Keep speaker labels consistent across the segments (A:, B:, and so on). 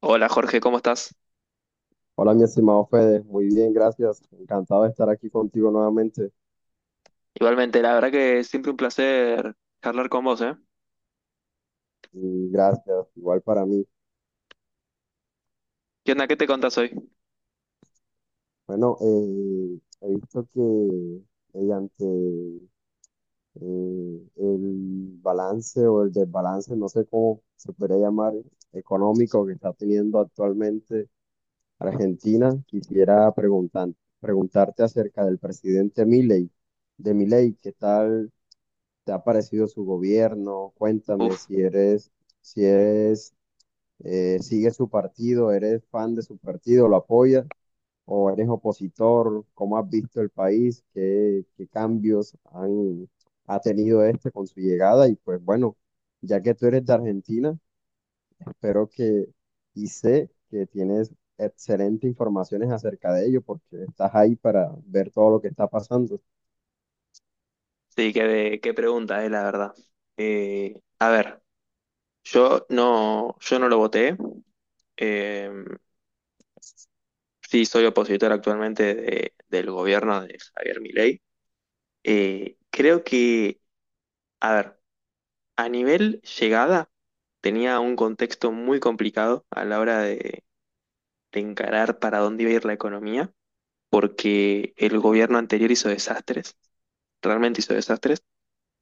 A: Hola Jorge, ¿cómo estás?
B: Hola, mi estimado Fede. Muy bien, gracias. Encantado de estar aquí contigo nuevamente.
A: Igualmente, la verdad que siempre un placer charlar con vos, ¿eh?
B: Y gracias, igual para mí.
A: ¿Qué onda? ¿Qué te contás hoy?
B: Bueno, he visto que mediante el balance o el desbalance, no sé cómo se podría llamar, económico que está teniendo actualmente Argentina, preguntarte acerca del presidente Milei. De Milei, ¿qué tal te ha parecido su gobierno? Cuéntame
A: Uf,
B: si eres si eres ¿sigues su partido? ¿Eres fan de su partido? ¿Lo apoyas? ¿O eres opositor? ¿Cómo has visto el país? ¿Qué ha tenido este con su llegada? Y pues bueno, ya que tú eres de Argentina, espero que y sé que tienes excelentes informaciones acerca de ello porque estás ahí para ver todo lo que está pasando.
A: sí, qué pregunta, la verdad. A ver, yo no lo voté. Eh, sí, soy opositor actualmente del gobierno de Javier Milei. Creo que, a ver, a nivel llegada tenía un contexto muy complicado a la hora de encarar para dónde iba a ir la economía. Porque el gobierno anterior hizo desastres, realmente hizo desastres,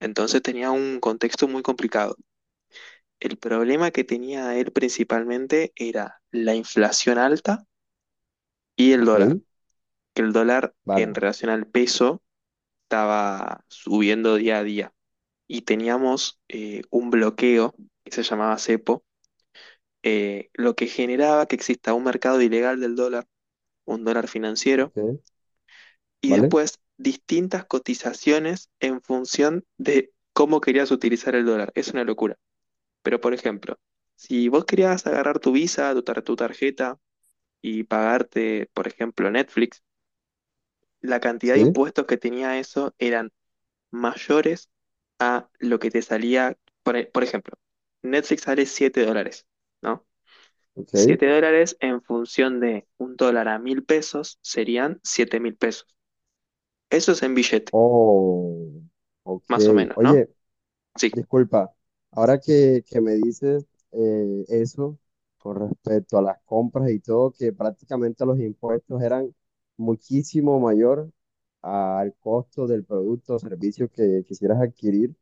A: entonces tenía un contexto muy complicado. El problema que tenía él principalmente era la inflación alta y el
B: ¿Ok?
A: dólar, que el dólar en
B: Vale,
A: relación al peso estaba subiendo día a día y teníamos un bloqueo que se llamaba cepo, lo que generaba que exista un mercado ilegal del dólar, un dólar financiero
B: ok,
A: y
B: vale,
A: después distintas cotizaciones en función de cómo querías utilizar el dólar. Es una locura. Pero, por ejemplo, si vos querías agarrar tu Visa, tu tarjeta y pagarte, por ejemplo, Netflix, la cantidad de
B: sí,
A: impuestos que tenía eso eran mayores a lo que te salía, por ejemplo, Netflix sale 7 dólares, ¿no?
B: ok.
A: 7 dólares en función de un dólar a 1000 pesos serían 7000 pesos. Eso es en billete,
B: Oh, ok.
A: más o menos, ¿no?
B: Oye,
A: Sí.
B: disculpa, ahora que me dices eso con respecto a las compras y todo, que prácticamente los impuestos eran muchísimo mayor al costo del producto o servicio que quisieras adquirir.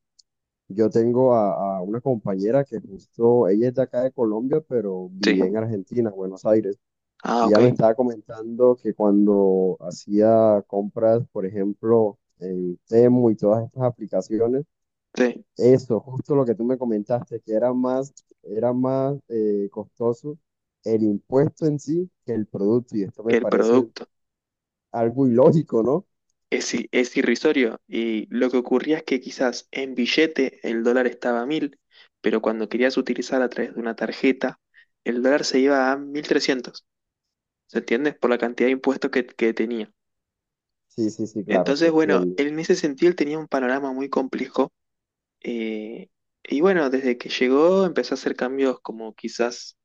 B: Yo tengo a una compañera que justo, ella es de acá de Colombia, pero
A: Sí,
B: vivía en Argentina, Buenos Aires,
A: ah,
B: y
A: ok,
B: ella me estaba comentando que cuando hacía compras, por ejemplo, en Temu y todas estas aplicaciones,
A: sí,
B: eso, justo lo que tú me comentaste, era más costoso el impuesto en sí que el producto, y esto
A: que
B: me
A: el
B: parece
A: producto
B: algo ilógico, ¿no?
A: es irrisorio y lo que ocurría es que quizás en billete el dólar estaba a 1000, pero cuando querías utilizar a través de una tarjeta, el dólar se iba a 1300. ¿Se entiende? Por la cantidad de impuestos que tenía.
B: Sí, sí, sí, claro, sí
A: Entonces, bueno,
B: entiendo.
A: en ese sentido él tenía un panorama muy complejo, eh, y bueno, desde que llegó empezó a hacer cambios como quizás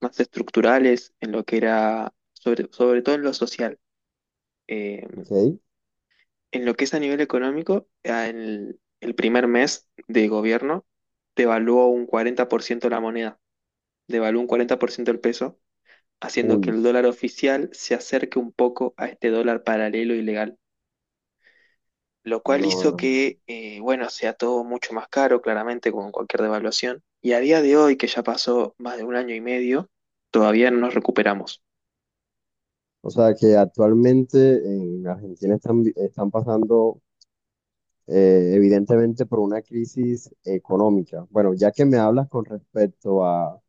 A: más estructurales en lo que era, sobre todo en lo social. Eh,
B: Ok.
A: En lo que es a nivel económico, el primer mes de gobierno devaluó un 40% la moneda, devaluó un 40% el peso, haciendo que
B: Uy,
A: el dólar oficial se acerque un poco a este dólar paralelo ilegal, lo cual
B: no,
A: hizo
B: hermano.
A: que, bueno, sea todo mucho más caro, claramente, con cualquier devaluación. Y a día de hoy, que ya pasó más de un año y medio, todavía no nos recuperamos.
B: O sea que actualmente en Argentina están pasando evidentemente por una crisis económica. Bueno, ya que me hablas con respecto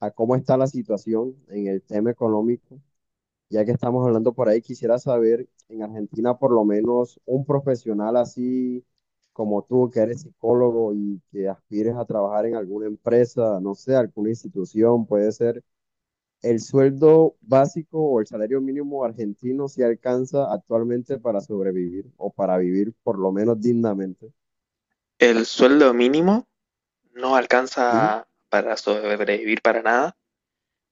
B: a cómo está la situación en el tema económico, ya que estamos hablando por ahí, quisiera saber, en Argentina por lo menos un profesional así como tú, que eres psicólogo y que aspires a trabajar en alguna empresa, no sé, alguna institución, puede ser, ¿el sueldo básico o el salario mínimo argentino si alcanza actualmente para sobrevivir o para vivir por lo menos dignamente?
A: El sueldo mínimo no
B: Sí.
A: alcanza para sobrevivir para nada.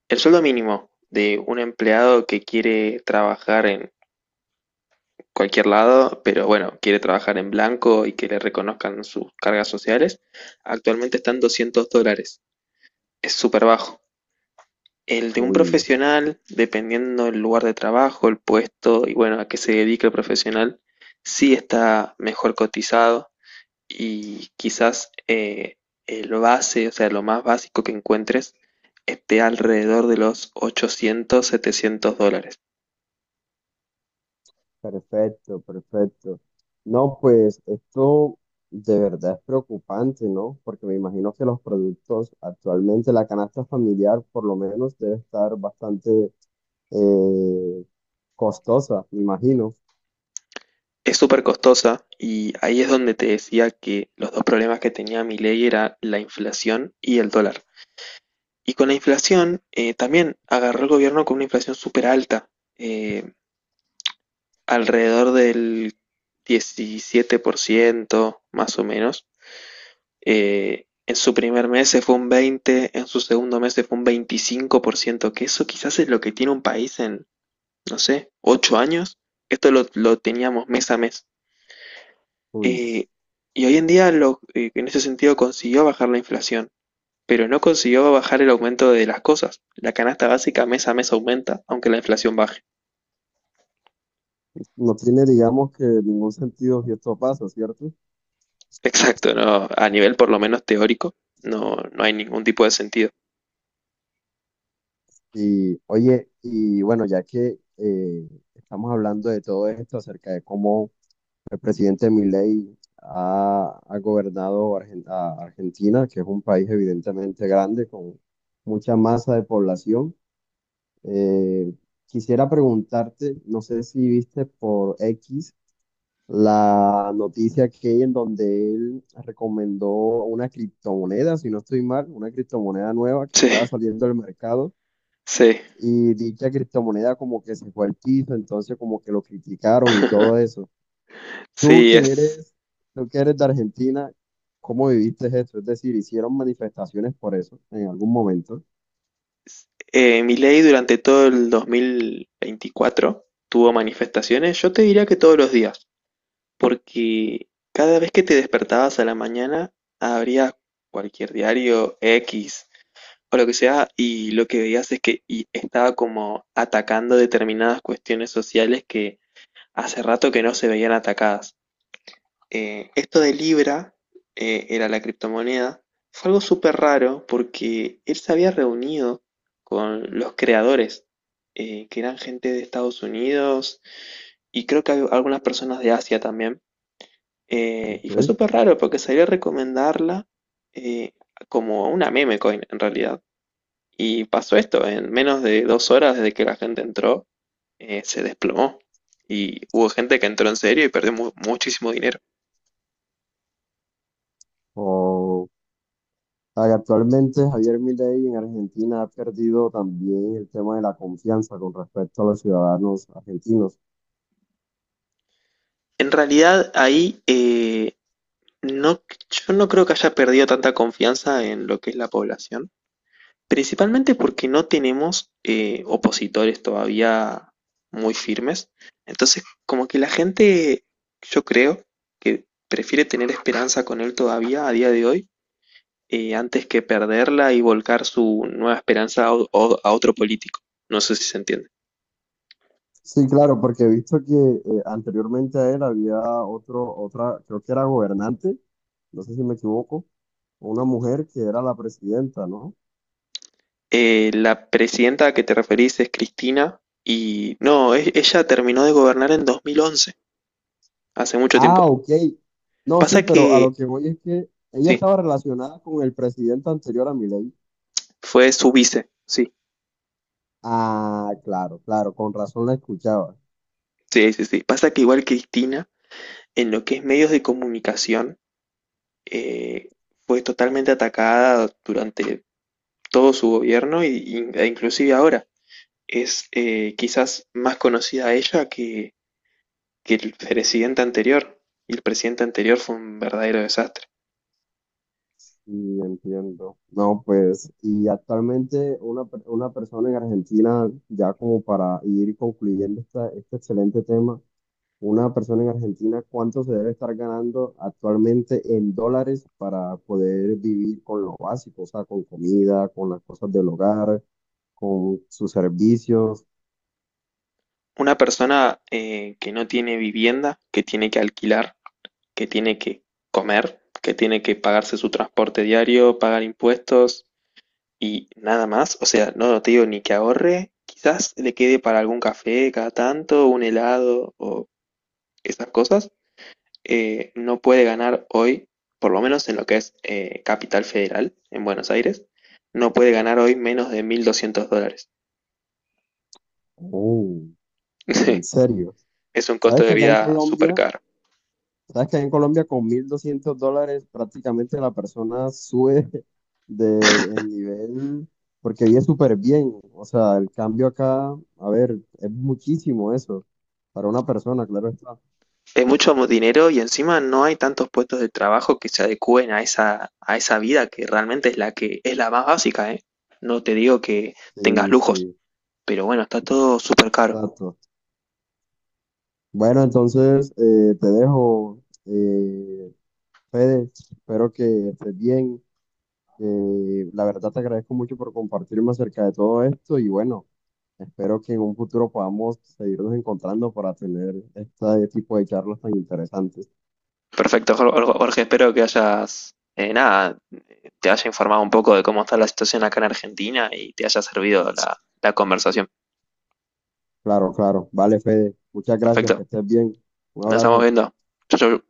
A: El sueldo mínimo de un empleado que quiere trabajar en cualquier lado, pero bueno, quiere trabajar en blanco y que le reconozcan sus cargas sociales, actualmente están 200 dólares. Es súper bajo. El de un
B: Uy,
A: profesional, dependiendo del lugar de trabajo, el puesto y bueno, a qué se dedica el profesional, sí está mejor cotizado y quizás el base, o sea, lo más básico que encuentres, esté alrededor de los 800, 700 dólares.
B: perfecto, perfecto. No, pues esto de verdad es preocupante, ¿no? Porque me imagino que los productos actualmente, la canasta familiar por lo menos debe estar bastante eh, costosa, me imagino.
A: Es súper costosa y ahí es donde te decía que los dos problemas que tenía Milei era la inflación y el dólar. Y con la inflación también agarró el gobierno con una inflación súper alta, eh, alrededor del 17% más o menos. En su primer mes se fue un 20%, en su segundo mes se fue un 25%, que eso quizás es lo que tiene un país en, no sé, 8 años. Esto lo teníamos mes a mes.
B: Pues
A: Eh, y hoy en día en ese sentido consiguió bajar la inflación, pero no consiguió bajar el aumento de las cosas. La canasta básica mes a mes aumenta, aunque la inflación baje.
B: no tiene, digamos que ningún sentido si esto pasa, ¿cierto?
A: Exacto, no, a nivel por lo menos teórico, no, no hay ningún tipo de sentido.
B: Y oye, y bueno, ya que estamos hablando de todo esto acerca de cómo el presidente Milei ha gobernado a Argentina, que es un país evidentemente grande con mucha masa de población. Eh, quisiera preguntarte, no sé si viste por X la noticia que en donde él recomendó una criptomoneda, si no estoy mal, una criptomoneda nueva que
A: Sí,
B: estaba saliendo del mercado.
A: sí,
B: Y dicha criptomoneda como que se fue al piso, entonces como que lo criticaron y todo eso. Tú
A: sí,
B: que eres, tú que eres de Argentina, ¿cómo viviste eso? Es decir, ¿hicieron manifestaciones por eso en algún momento?
A: es- Milei durante todo el 2024 tuvo manifestaciones, yo te diría que todos los días, porque cada vez que te despertabas a la mañana, abrías cualquier diario X, o lo que sea, y lo que veías es que y estaba como atacando determinadas cuestiones sociales que hace rato que no se veían atacadas. Esto de Libra, era la criptomoneda, fue algo súper raro porque él se había reunido con los creadores, que eran gente de Estados Unidos y creo que hay algunas personas de Asia también. Y
B: Ok.
A: fue súper raro porque salió a recomendarla eh, como una meme coin en realidad. Y pasó esto, en menos de 2 horas desde que la gente entró, se desplomó. Y hubo gente que entró en serio y perdió muchísimo dinero.
B: O o sea, actualmente Javier Milei en Argentina ha perdido también el tema de la confianza con respecto a los ciudadanos argentinos.
A: En realidad ahí no, yo no creo que haya perdido tanta confianza en lo que es la población, principalmente porque no tenemos opositores todavía muy firmes. Entonces, como que la gente, yo creo que prefiere tener esperanza con él todavía a día de hoy, antes que perderla y volcar su nueva esperanza a otro político. No sé si se entiende.
B: Sí, claro, porque he visto que anteriormente a él había otra, creo que era gobernante, no sé si me equivoco, una mujer que era la presidenta, ¿no?
A: La presidenta a que te referís es Cristina y no, ella terminó de gobernar en 2011, hace mucho
B: Ah,
A: tiempo.
B: ok. No, sí,
A: Pasa
B: pero a lo
A: que,
B: que voy es que ella
A: sí,
B: estaba relacionada con el presidente anterior a Milei.
A: fue su vice, sí,
B: Ah, claro, claro, con razón la escuchaba.
A: sí, sí, sí. Pasa que igual Cristina, en lo que es medios de comunicación, eh, fue totalmente atacada durante todo su gobierno e inclusive ahora. Es quizás más conocida ella que el presidente anterior. Y el presidente anterior fue un verdadero desastre.
B: Y entiendo. No, pues, y actualmente una persona en Argentina, ya como para ir concluyendo este excelente tema, una persona en Argentina, ¿cuánto se debe estar ganando actualmente en dólares para poder vivir con lo básico? O sea, con comida, con las cosas del hogar, con sus servicios.
A: Una persona, que no tiene vivienda, que tiene que alquilar, que tiene que comer, que tiene que pagarse su transporte diario, pagar impuestos y nada más. O sea, no te digo ni que ahorre, quizás le quede para algún café cada tanto, un helado o esas cosas. No puede ganar hoy, por lo menos en lo que es Capital Federal, en Buenos Aires, no puede ganar hoy menos de 1200 dólares.
B: Oh,
A: Sí.
B: en serio.
A: Es un costo
B: ¿Sabes que
A: de
B: acá en
A: vida súper
B: Colombia,
A: caro.
B: sabes que acá en Colombia con $1,200 prácticamente la persona sube de en nivel porque vive súper bien? O sea, el cambio acá, a ver, es muchísimo eso para una persona, claro está.
A: Es mucho dinero y encima no hay tantos puestos de trabajo que se adecúen a esa vida que realmente es la que es la más básica, ¿eh? No te digo que tengas
B: Sí,
A: lujos,
B: sí,
A: pero bueno, está todo súper caro.
B: exacto. Bueno, entonces te dejo, eh, Fede, espero que estés bien. La verdad te agradezco mucho por compartirme acerca de todo esto y bueno. Espero que en un futuro podamos seguirnos encontrando para tener este tipo de charlas tan interesantes.
A: Perfecto, Jorge, espero que hayas, nada, te haya informado un poco de cómo está la situación acá en Argentina y te haya servido la conversación.
B: Claro, claro. Vale, Fede. Muchas gracias. Que
A: Perfecto,
B: estés bien. Un
A: nos estamos
B: abrazo.
A: viendo. Chau, chau.